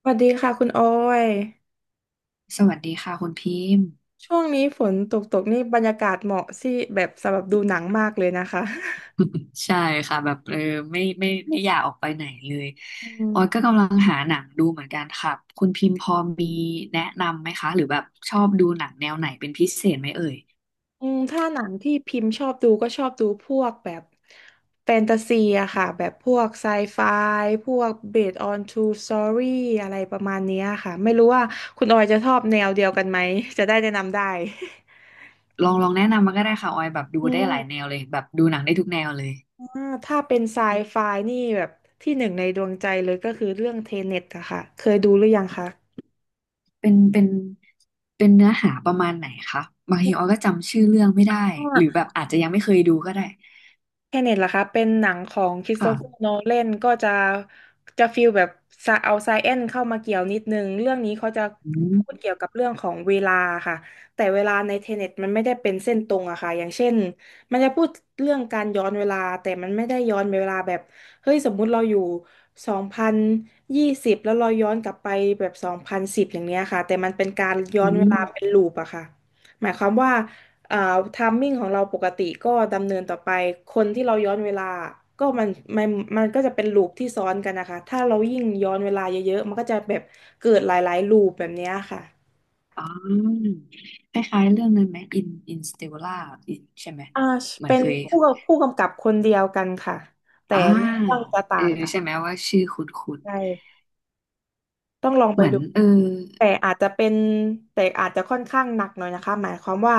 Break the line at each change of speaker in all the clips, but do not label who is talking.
สวัสดีค่ะคุณออย
สวัสดีค่ะคุณพิมพ์
ช่วงนี้ฝนตกตกนี่บรรยากาศเหมาะสิแบบสำหรับดูหนังมากเลยนะคะ
ใช่ค่ะแบบไม่ไม่ไม่อยากออกไปไหนเลย
อื
ออยก็
ม
กำลังหาหนังดูเหมือนกันค่ะคุณพิมพ์พอมีแนะนำไหมคะหรือแบบชอบดูหนังแนวไหนเป็นพิเศษไหมเอ่ย
อืมถ้าหนังที่พิมพ์ชอบดูก็ชอบดูพวกแบบแฟนตาซีอะค่ะแบบพวกไซไฟพวก based on true story อะไรประมาณเนี้ยค่ะไม่รู้ว่าคุณออยจะชอบแนวเดียวกันไหมจะได้แนะนำได้
ลองแนะนำมาก็ได้ค่ะออยแบบดู
อื
ได้หลายแน
ม
วเลยแบบดูหนังได้ทุกแนวเลย
อ่าถ้าเป็นไซไฟนี่แบบที่หนึ่งในดวงใจเลยก็คือเรื่องเทเน็ตอะค่ะเคยดูหรือยังคะ
เป็นเป็นเป็นเนื้อหาประมาณไหนคะบางทีออยก็จำชื่อเรื่องไม่ได้
อ่
หรือแบ
า
บอาจจะยังไม่เคยดูก็ได้
แคเน็ตล่ะคะเป็นหนังของคริสโต
ค่ะ
เฟอร์โนแลนก็จะฟีลแบบซะเอาไซเอนเข้ามาเกี่ยวนิดนึงเรื่องนี้เขาจะ
อื
พู
ม
ดเกี่ยวกับเรื่องของเวลาค่ะแต่เวลาในเทเน็ตมันไม่ได้เป็นเส้นตรงอะค่ะอย่างเช่นมันจะพูดเรื่องการย้อนเวลาแต่มันไม่ได้ย้อนเวลาแบบเฮ้ยสมมุติเราอยู่2020แล้วเราย้อนกลับไปแบบ2010อย่างเนี้ยค่ะแต่มันเป็นการย้อ
อื
นเว
ม
ลาเป็นลูปอะค่ะหมายความว่า อ่าไทามมิ่งของเราปกติก็ดำเนินต่อไป คนที่เราย้อนเวลา ก็มันมันก็จะเป็นลูปที่ซ้อนกันนะคะ ถ้าเรายิ่งย้อนเวลาเยอะๆ มันก็จะแบบเกิดหลายๆลูปแบบเนี้ยค่ะ
อ๋อคล้ายๆเรื่องนั้นไหมอินสเตลล่าอินใช่ไหม
อ่า
เหมือ
เป็
น
น
เคย
ผู้กำกับคนเดียวกันค่ะ แต่
อ่า
เรื่องจะต่า
เออ
งกัน
ใช่ไหมว่าชื่อคุณ
ใช่ ต้องลองไป
เหมือน
ดูแต่อาจจะเป็นแต่อาจจะค่อนข้างหนักหน่อยนะคะหมายความว่า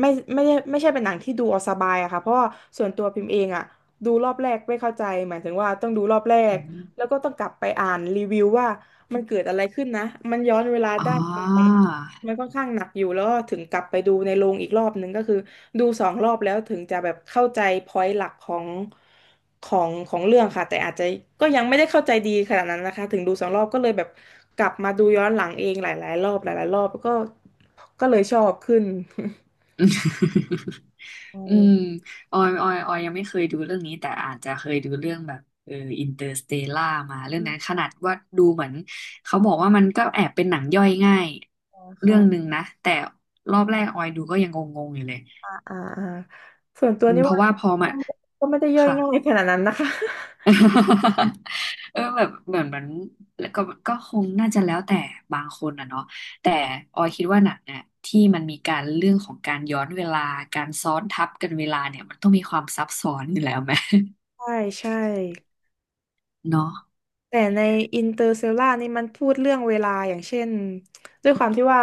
ไม่ไม่ได้ไม่ใช่เป็นหนังที่ดูเอาสบายอะค่ะเพราะว่าส่วนตัวพิมพ์เองอะดูรอบแรกไม่เข้าใจหมายถึงว่าต้องดูรอบแร
อื
กแล้ว
ม
ก็ต้องกลับไปอ่านรีวิวว่ามันเกิดอะไรขึ้นนะมันย้อนเวลา
อ๋อ
ได้ยังไง มันค่อนข้างหนักอยู่แล้วถึงกลับไปดูในโรงอีกรอบหนึงก็คือดูสองรอบแล้วถึงจะแบบเข้าใจพอยต์หลักของเรื่องค่ะแต่อาจจะก็ยังไม่ได้เข้าใจดีขนาดนั้นนะคะถึงดูสองรอบก็เลยแบบกลับมาดูย้อนหลังเองหลายๆรอบหลายๆรอบก็ก็เลยชอบขึ้น อื
อืม
ม
ออยยังไม่เคยดูเรื่องนี้แต่อาจจะเคยดูเรื่องแบบอินเตอร์สเตล่ามาเรื่องนั้นขนาดว่าดูเหมือนเขาบอกว่ามันก็แอบเป็นหนังย่อยง่ายเรื่องหนึ่
ค่ะ
งนะแต่รอบแรกออยดูก็ยังงงๆอยู่เลย
อ่าอ่าอ่าส่วนตัว
อืม
นี่
เพ
ว่า
ราะว่าพอมา
ก็ไม่ได้ย่อย
ค่ะ
ง่ายขนาดนั้นนะคะ
แบบเหมือนมันแล้วก็ก็คงน่าจะแล้วแต่บางคนอ่ะเนาะแต่ออยคิดว่าหนังอ่ะที่มันมีการเรื่องของการย้อนเวลาการซ้อนทับกันเวลาเนี่ยมันต้องมีความซับซ้อนอยู่แล้วไหม
ใช่ใช่
เนาะ
แต่ในอินเตอร์เซลล่านี่มันพูดเรื่องเวลาอย่างเช่นด้วยความที่ว่า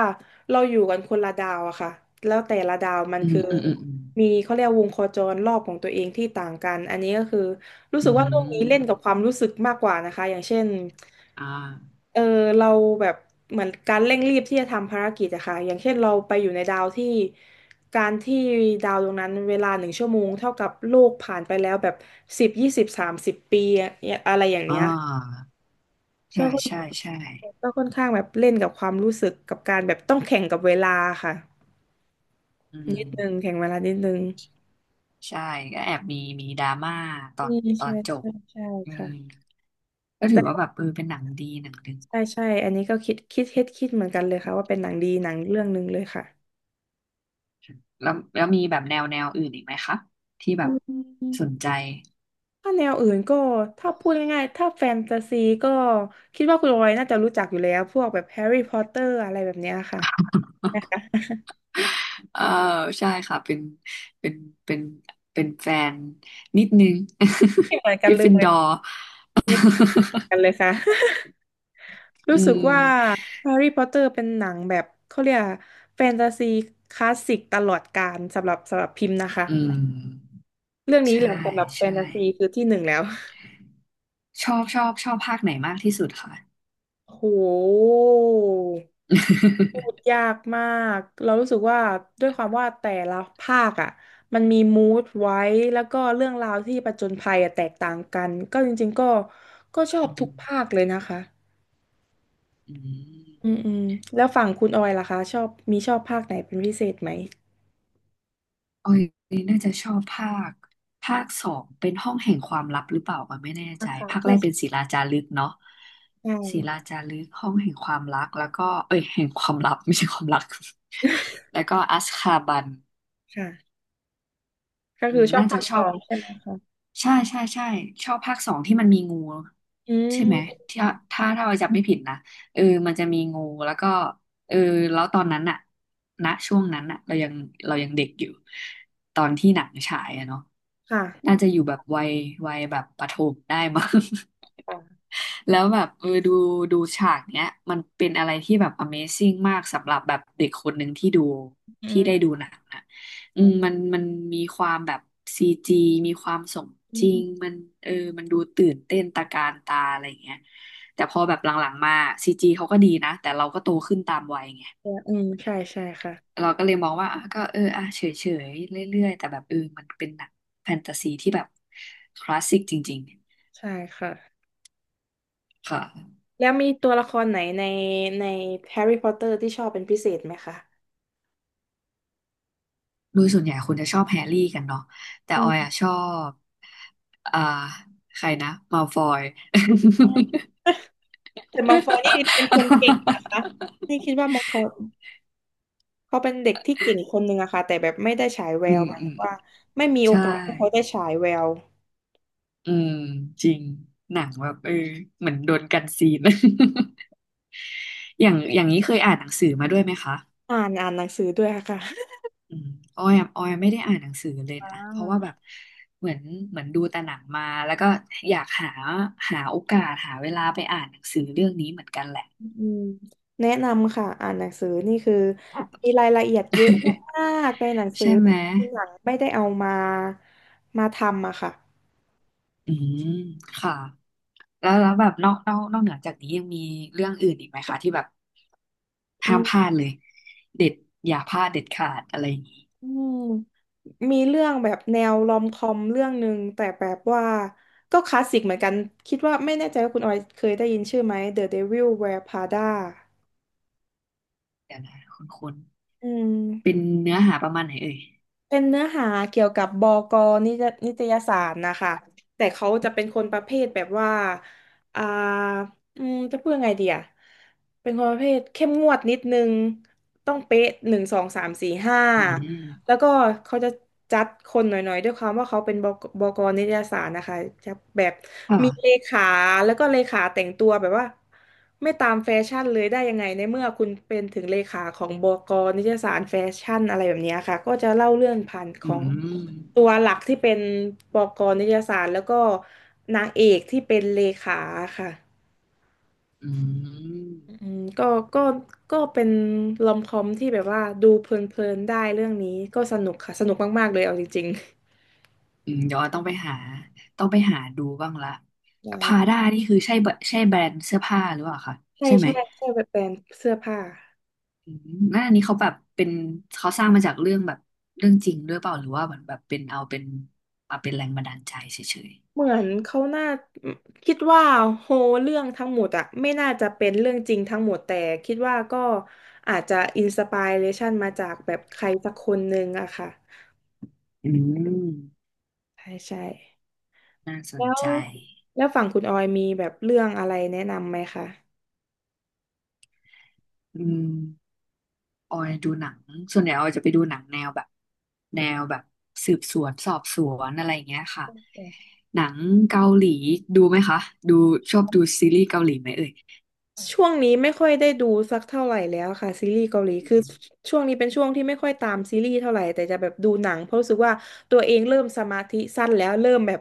เราอยู่กันคนละดาวอะค่ะแล้วแต่ละดาวมัน
อืม
คือ
อืมอืมอืม
มีเขาเรียกวงโคจรรอบของตัวเองที่ต่างกันอันนี้ก็คือรู้
อื
สึกว่าเรื่องนี้เล่นกับค
ม
วามรู้สึกมากกว่านะคะอย่างเช่น
อ่า
เออเราแบบเหมือนการเร่งรีบที่จะทำภารกิจอะค่ะอย่างเช่นเราไปอยู่ในดาวที่การที่ดาวดวงนั้นเวลา1 ชั่วโมงเท่ากับโลกผ่านไปแล้วแบบ10 20 30 ปีอะอะไรอย่างเนี้
อ่า
ย
ใช่
ก็ค่อน
ใช่ใช่
ก็ค่อนข้างแบบเล่นกับความรู้สึกกับการแบบต้องแข่งกับเวลาค่ะ
อืม
นิดนึงแข่งเวลานิดนึง
ใช่ก็แอบมีดราม่าตอ
อื
น
ม
ตอ
ใช่
นจบ
ใช่ใช่
อืม
ค่ะ
ก็ถือว่าแบ
แต่
บเป็นหนังดีหนังหนึ่ง
ใช่ใช่อันนี้ก็คิดเหมือนกันเลยค่ะว่าเป็นหนังดีหนังเรื่องหนึ่งเลยค่ะ
แล้วมีแบบแนวอื่นอีกไหมคะที่แบ
อื
บสน
ม
ใจ
ถ้าแนวอื่นก็ถ้าพูดง่ายๆถ้าแฟนตาซีก็คิดว่าคุณออยน่าจะรู้จักอยู่แล้วพวกแบบแฮร์รี่พอตเตอร์อะไรแบบเนี้ยค่ะ นะคะ
เออใช่ค่ะเป็นเป็นเป็นแฟนนิดนึง
ไม่เหมือน กั
ก
น
ริฟ
เลย
ฟิน
ไม่
ด
เ
อร์
หมือนกันเลยค่ะ
อื
รู้สึก
ม
ว่าแฮร์รี่พอตเตอร์เป็นหนังแบบเขาเรียกแฟนตาซีคลาสสิกตลอดกาลสำหรับพิมพ์นะคะ
อืม
เรื่องนี้แห
ใช่
ละสำหรับแฟ
ใช่
นตาซีคือที่หนึ่งแล้ว
ชอบภาคไหนมากที่สุดคะ
โหพูด ยากมากเรารู้สึกว่าด้วยความว่าแต่ละภาคอ่ะมันมีมูดไว้แล้วก็เรื่องราวที่ผจญภัยอะแตกต่างกันก็จริงๆก็ก็ชอ
อื
บทุกภา
ม
คเลยนะคะ
อื
อืม
ม
อืมแล้วฝั่งคุณออยล่ะคะชอบภาคไหนเป็นพิเศษไหม
ออยน่าจะชอบภาคสองเป็นห้องแห่งความลับหรือเปล่าก็ไม่แน่ใจ
นะคะ
ภาค
ใช่
แรกเป็นศิลาจารึกเนาะ
ใช่
ศิลาจารึกห้องแห่งความรักแล้วก็เอ้ยแห่งความลับไม่ใช่ความรัก แล้วก็อัสคาบัน
ค่ะก็
อื
คื
ม
อชอบ
น่าจะ
ภาค
ช
ส
อ
อ
บ
งใช่ไหมคะ
ใช่ใช่ใช่ชอบภาคสองที่มันมีงู
อื
ใช่ไหม
ม
ที่ถ้าเราจำไม่ผิดนะเออมันจะมีงูแล้วก็ เออแล้วตอนนั้นอะณช่วงนั้นอะเรายังเรายังเด็กอยู่ตอนที่หนังฉายอะเนาะ
ค่ะ
น่าจะอยู่แบบวัยแบบประถมได้มั้ง
ค่ะ
แล้วแบบดูฉากเนี้ยมันเป็นอะไรที่แบบ Amazing มากสำหรับแบบเด็กคนหนึ่งที่ดู
อื
ที่ได้
ม
ดูหนังนะ
อื
อืม
ม
มันมีความแบบซีจีมีความสม
อื
จริง
ม
มันเออมันดูตื่นเต้นตะการตาอะไรอย่างเงี้ย แต่พอแบบหลังๆมาซีจีเขาก็ดีนะแต่เราก็โตขึ้นตามวัยไง
อืมใช่ใช่ค่ะ
เราก็เลยมองว่าอ่ะก็อ่ะเฉยๆเรื่อยๆแต่แบบมันเป็นหนังแฟนตาซีที่แบบคลาสสิกจริง
ใช่ค่ะ
ๆค่ะ
แล้วมีตัวละครไหนในในแฮร์รี่พอตเตอร์ที่ชอบเป็นพิเศษไหมคะ
โดยส่วนใหญ่คนจะชอบแฮร์รี่กันเนาะแต่
อื
ออยอ่ะช
ม
อบอ่าใครนะมัลฟอย
แต่มังฟอยนี่เป็นคนเก่งนะคะ นี่คิดว่ามังฟอยเขาเป็นเด็กที่เก่งคนหนึ่งอะค่ะแต่แบบไม่ได้ฉายแว
อื
ว
ม
หมาย
อื
ถึง
ม
ว่าไม่มีโอ
ใช่
กาสให้เขาได้ฉายแวว
อืมจริงหนังแบบเหมือนโดนกันซีน อย่างนี้เคยอ่านหนังสือมาด้วยไหมคะ
อ่านอ่านหนังสือด้วยอะค่ะ
อืมออยอะออยไม่ได้อ่านหนังสือเลย
อ่
นะ เพราะว่าแบบ
า
เหมือนเหมือนดูแต่หนังมา แล้วก็อยากหาหาโอกาสหาเวลาไปอ่านหนังสือเรื่องนี้เหมือนกันแหละ
อืมแนะนำค่ะอ่านหนังสือนี่คือมีรายละเอียดเยอะมากในหนัง สือ
ใช่
ท
ไหม
ี่หนังไม่ได้เอามาทำอะค่ะ
อืมค่ะแล้วแล้วแบบนอกเหนือจากนี้ยังมีเรื่องอื่นอีกไหมคะที่แบบ
อื
ห้ามพลา
ม
ดเลยเด็ดอย่าพลาดเด็ดขาดอะไรอย่างนี้
อืมมีเรื่องแบบแนวรอมคอมเรื่องหนึ่งแต่แบบว่าก็คลาสสิกเหมือนกันคิดว่าไม่แน่ใจว่าคุณออยเคยได้ยินชื่อไหม The Devil Wears Prada
เดี๋ยวนะคุณ
อืม
เป็นเนื้อหาประมาณไหนเอ่ย
เป็นเนื้อหาเกี่ยวกับบกนิจนิตยสารนะคะแต่เขาจะเป็นคนประเภทแบบว่าอ่าจะพูดยังไงดีอะเป็นคนประเภทเข้มงวดนิดนึงต้องเป๊ะหนึ่งสองสามสี่ห้า
อื
แล้ว
ม
ก็เขาจะจัดคนหน่อยๆด้วยความว่าเขาเป็นบกนิตยสารนะคะจะแบบมีเล
ค่ะ
ขาแล้วก็เลขาแต่งตัวแบบว่าไม่ตามแฟชั่นเลยได้ยังไงในเมื่อคุณเป็นถึงเลขาของบกนิตยสารแฟชั่นอะไรแบบเนี้ยค่ะก็จะเล่าเรื่องผ่านข
อื
อง
ม
ตัวหลักที่เป็นบกนิตยสารแล้วก็นางเอกที่เป็นเลขาค่ะ
อืม
อืมก็ก็ก็เป็นลอมคอมที่แบบว่าดูเพลินๆได้เรื่องนี้ก็สนุกค่ะสนุกมากๆเลยเอาจริง
อืมเดี๋ยวต้องไปหาต้องไปหาดูบ้างละ
ได้
พาด้านี่คือใช่แบรนด์เสื้อผ้าหรือเปล่าคะ
ใช่
ใช่ไหม
ใช่ใช่แบบแบรนด์เสื้อผ้า
อืมนั่นอันนี้เขาแบบเป็นเขาสร้างมาจากเรื่องแบบเรื่องจริงด้วยเปล่าหรือว่าเหมือนแบบเป็นเอาเป็นมาเป็นแรงบันดาลใจเฉย
เหมือนเขาน่าคิดว่าโฮเรื่องทั้งหมดอะไม่น่าจะเป็นเรื่องจริงทั้งหมดแต่คิดว่าก็อาจจะอินสป r เรชันมาจากแบบใครสักคนหนึ่งอะค่ะ
ๆอืม
ใช่ใช่
น่าส
แล้
น
ว
ใจ
ฝั่งคุณออยมีแบบเรื่องอะไรแนะนำไหมคะ
อืม ออยดูหนังส่วนใหญ่ออยจะไปดูหนังแนวแบบแนวแบบสืบสวนสอบสวนอะไรอย่างเงี้ยค่ะหนังเกาหลีดูไหมคะดูชอบดูซีรีส์เกาหลีไหมเอ่ย
ช่วงนี้ไม่ค่อยได้ดูสักเท่าไหร่แล้วค่ะซีรีส์เกาหลี
อ
คื
ม
อช่วงนี้เป็นช่วงที่ไม่ค่อยตามซีรีส์เท่าไหร่แต่จะแบบดูหนังเพราะรู้สึกว่าตัวเองเริ่มสมาธิสั้นแล้วเริ่มแบบ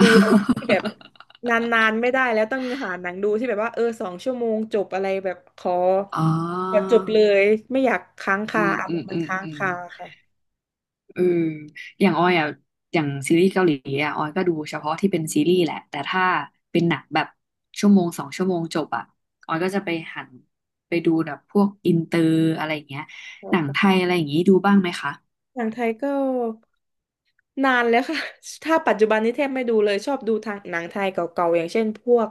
ดูอะไรที่แบบ นานๆไม่ได้แล้วต้องหาหนังดูที่แบบว่าสองชั่วโมงจบอะไรแบบขอ
อ๋
จ
อ
บเลยไม่อยากค้าง
อื
คา
ม
อาร
อื
ม
ม
ณ์มัน
อืม
ค้าง
อืม
คาค่ะ
เอออย่างออยอ่ะอย่างซีรีส์เกาหลีอ่ะออยก็ดูเฉพาะที่เป็นซีรีส์แหละแต่ถ้าเป็นหนังแบบชั่วโมงสองชั่วโมงจบอ่ะออยก็จะไปหันไปดูแบบพวกอินเตอร์อะไรอย่างเงี้ยหนังไทยอะไรอย่างงี้ดูบ้างไหมคะ
หนังไทยก็ นานแล้วค่ะ ถ้าปัจจุบันนี้แทบไม่ดูเลยชอบดูทางหนังไทยเก่าๆอย่างเช่นพวก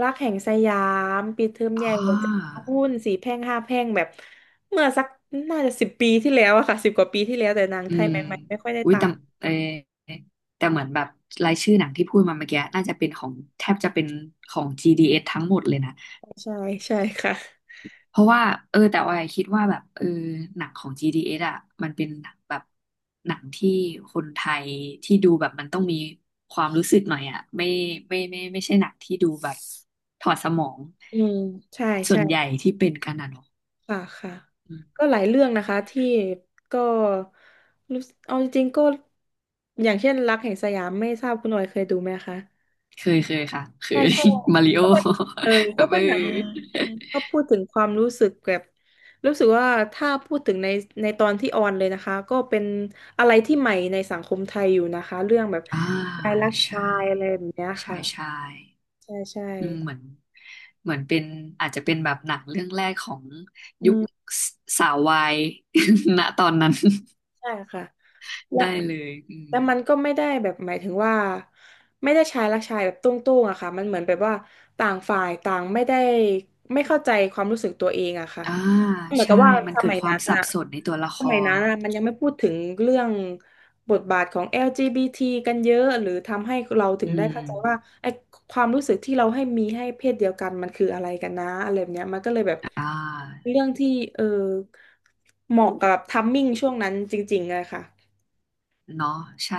รักแห่งสยามปิดเทอมให
อ๋
ญ่หัวใจ
อ
หุ้นสี่แพร่งห้าแพร่งแบบเมื่อสักน่าจะสิบปีที่แล้วอะค่ะสิบกว่าปีที่แล้วแต่หนัง
อื
ไทย
ม
ใหม่ๆไม่ค่อยได้
อุ้ย
ตา
แต่
ม
เออแต่เหมือนแบบรายชื่อหนังที่พูดมาเมื่อกี้น่าจะเป็นของแทบจะเป็นของ GDS ทั้งหมดเลยนะ
ใช่ใช่ค่ะ
เพราะว่าแต่ว่าคิดว่าแบบหนังของ GDS อสอ่ะมันเป็นหนังแบบหนังที่คนไทยที่ดูแบบมันต้องมีความรู้สึกหน่อยอ่ะไม่ใช่หนังที่ดูแบบถอดสมอง
อืมใช่
ส่ว
ใช่
นใหญ่ที่เป็นกันอ่ะเนาะ
ค่ะค่ะ
อืม
ก็หลายเรื่องนะคะที่ก็รู้สึกเอาจริงๆก็อย่างเช่นรักแห่งสยามไม่ทราบคุณหน่อยเคยดูไหมคะ
เคยเคยค่ะเค
ใช่
ย
ก็
มาริโอ
ก็เป็นเออ
แบ
ก็
บ
เป็นหนังก็พูดถึงความรู้สึกแบบรู้สึกว่าถ้าพูดถึงในในตอนที่ออนเลยนะคะก็เป็นอะไรที่ใหม่ในสังคมไทยอยู่นะคะ
อ่า
ชายรัก
ใช่
ชายอะไรแบบเนี้ย
ใช่
ค่ะ
ใช่
ใช่ใช่
อืมเหมือนเป็นอาจจะเป็นแบบหนังเรื่องแรกของ
อื
ยุค
ม
สสาววาย ณตอนนั้น
ใช่ค่ะ และ
ได้เลยอืม
แต่มันก็ไม่ได้แบบหมายถึงว่าไม่ได้ชายรักชายแบบตุ้งๆอะค่ะมันเหมือนแบบว่าต่างฝ่ายต่างไม่ได้ไม่เข้าใจความรู้สึกตัวเองอะค่ะ
อ่า
เหมือนกั
ใช่
บว่า
มัน
ส
เกิด
มัย
ควา
นั้
ม
น
สั
อะ
บสนในตัวละคร
มันยังไม่พูดถึงเรื่องบทบาทของ LGBT กันเยอะหรือทำให้เราถึง
อื
ได้
ม
เข้าใจว่าไอ้ความรู้สึกที่เราให้มีให้เพศเดียวกันมันคืออะไรกันนะอะไรแบบเนี้ยมันก็เลยแบบ
อ่า
เรื่องที่เออเหมาะกับทัมมิ่งช่วงนั้นจริงๆอะค่ะ
เนาะใช่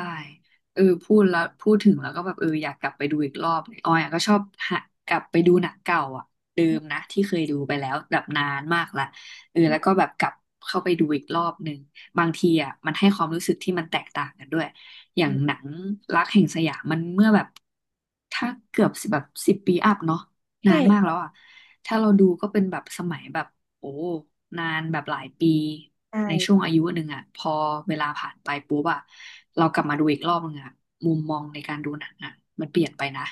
พูดแล้วพูดถึงแล้วก็แบบอยากกลับไปดูอีกรอบเลยออยอะก็ชอบหากลับไปดูหนังเก่าอ่ะเดิมนะที่เคยดูไปแล้วแบบนานมากละแล้วก็แบบกลับเข้าไปดูอีกรอบหนึ่งบางทีอ่ะมันให้ความรู้สึกที่มันแตกต่างกันด้วยอย่างหนังรักแห่งสยามมันเมื่อแบบถ้าเกือบแบบ10 ปีอัพเนาะนานมาก
ใช่
แล้วอ่ะถ้าเราดูก็เป็นแบบสมัยแบบ โอ้นานแบบหลายปี
ใช่
ในช่วงอา
ค่ะ
ยุหนึ่งอ่ะพอเวลาผ่านไปปุ๊บอ่ะเรากลับมาดูอีกรอบนึงอ่ะมุมมองในการดูหนังอ่ะมันเปลี่ยนไปนะ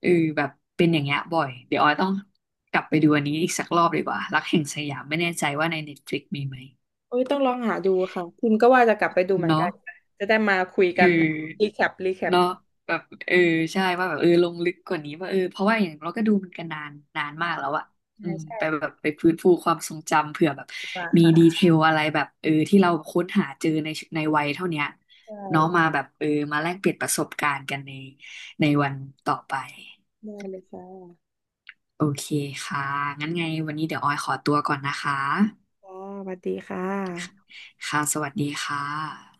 เออแบบเป็นอย่างเงี้ยบ่อยเดี๋ยวออยต้องกลับไปดูอันนี้อีกสักรอบดีกว่ารักแห่งสยามไม่แน่ใจว่าใน Netflix มีไหม
โอ้ยต้องลองหาดูค่ะคุณก็ว่าจะกลับไปดูเหมือน
เนาะ
กันจะได้มาคุย
เอ
กั
อ
นรีแคปรีแคป
เนาะแบบเออใช่ว่าแบบลงลึกกว่านี้ว่าเพราะว่าอย่างเราก็ดูมันกันนานมากแล้วอะอื
ใช่
ม
ใช่
ไปแบบไปฟื้นฟูความทรงจำเผื่อแบบ
ดีกว่า
มีดี
ค่ะ
เทลอะไรแบบที่เราค้นหาเจอในในวัยเท่าเนี้ย
ใช่
เนาะมาแบบมาแลกเปลี่ยนประสบการณ์กันในในวันต่อไป
ได้เลยค่ะ
โอเคค่ะงั้นไงวันนี้เดี๋ยวออยขอตัวก่อนนะคะ
ค่ะสวัสดีค่ะ
ค่ะสวัสดีค่ะ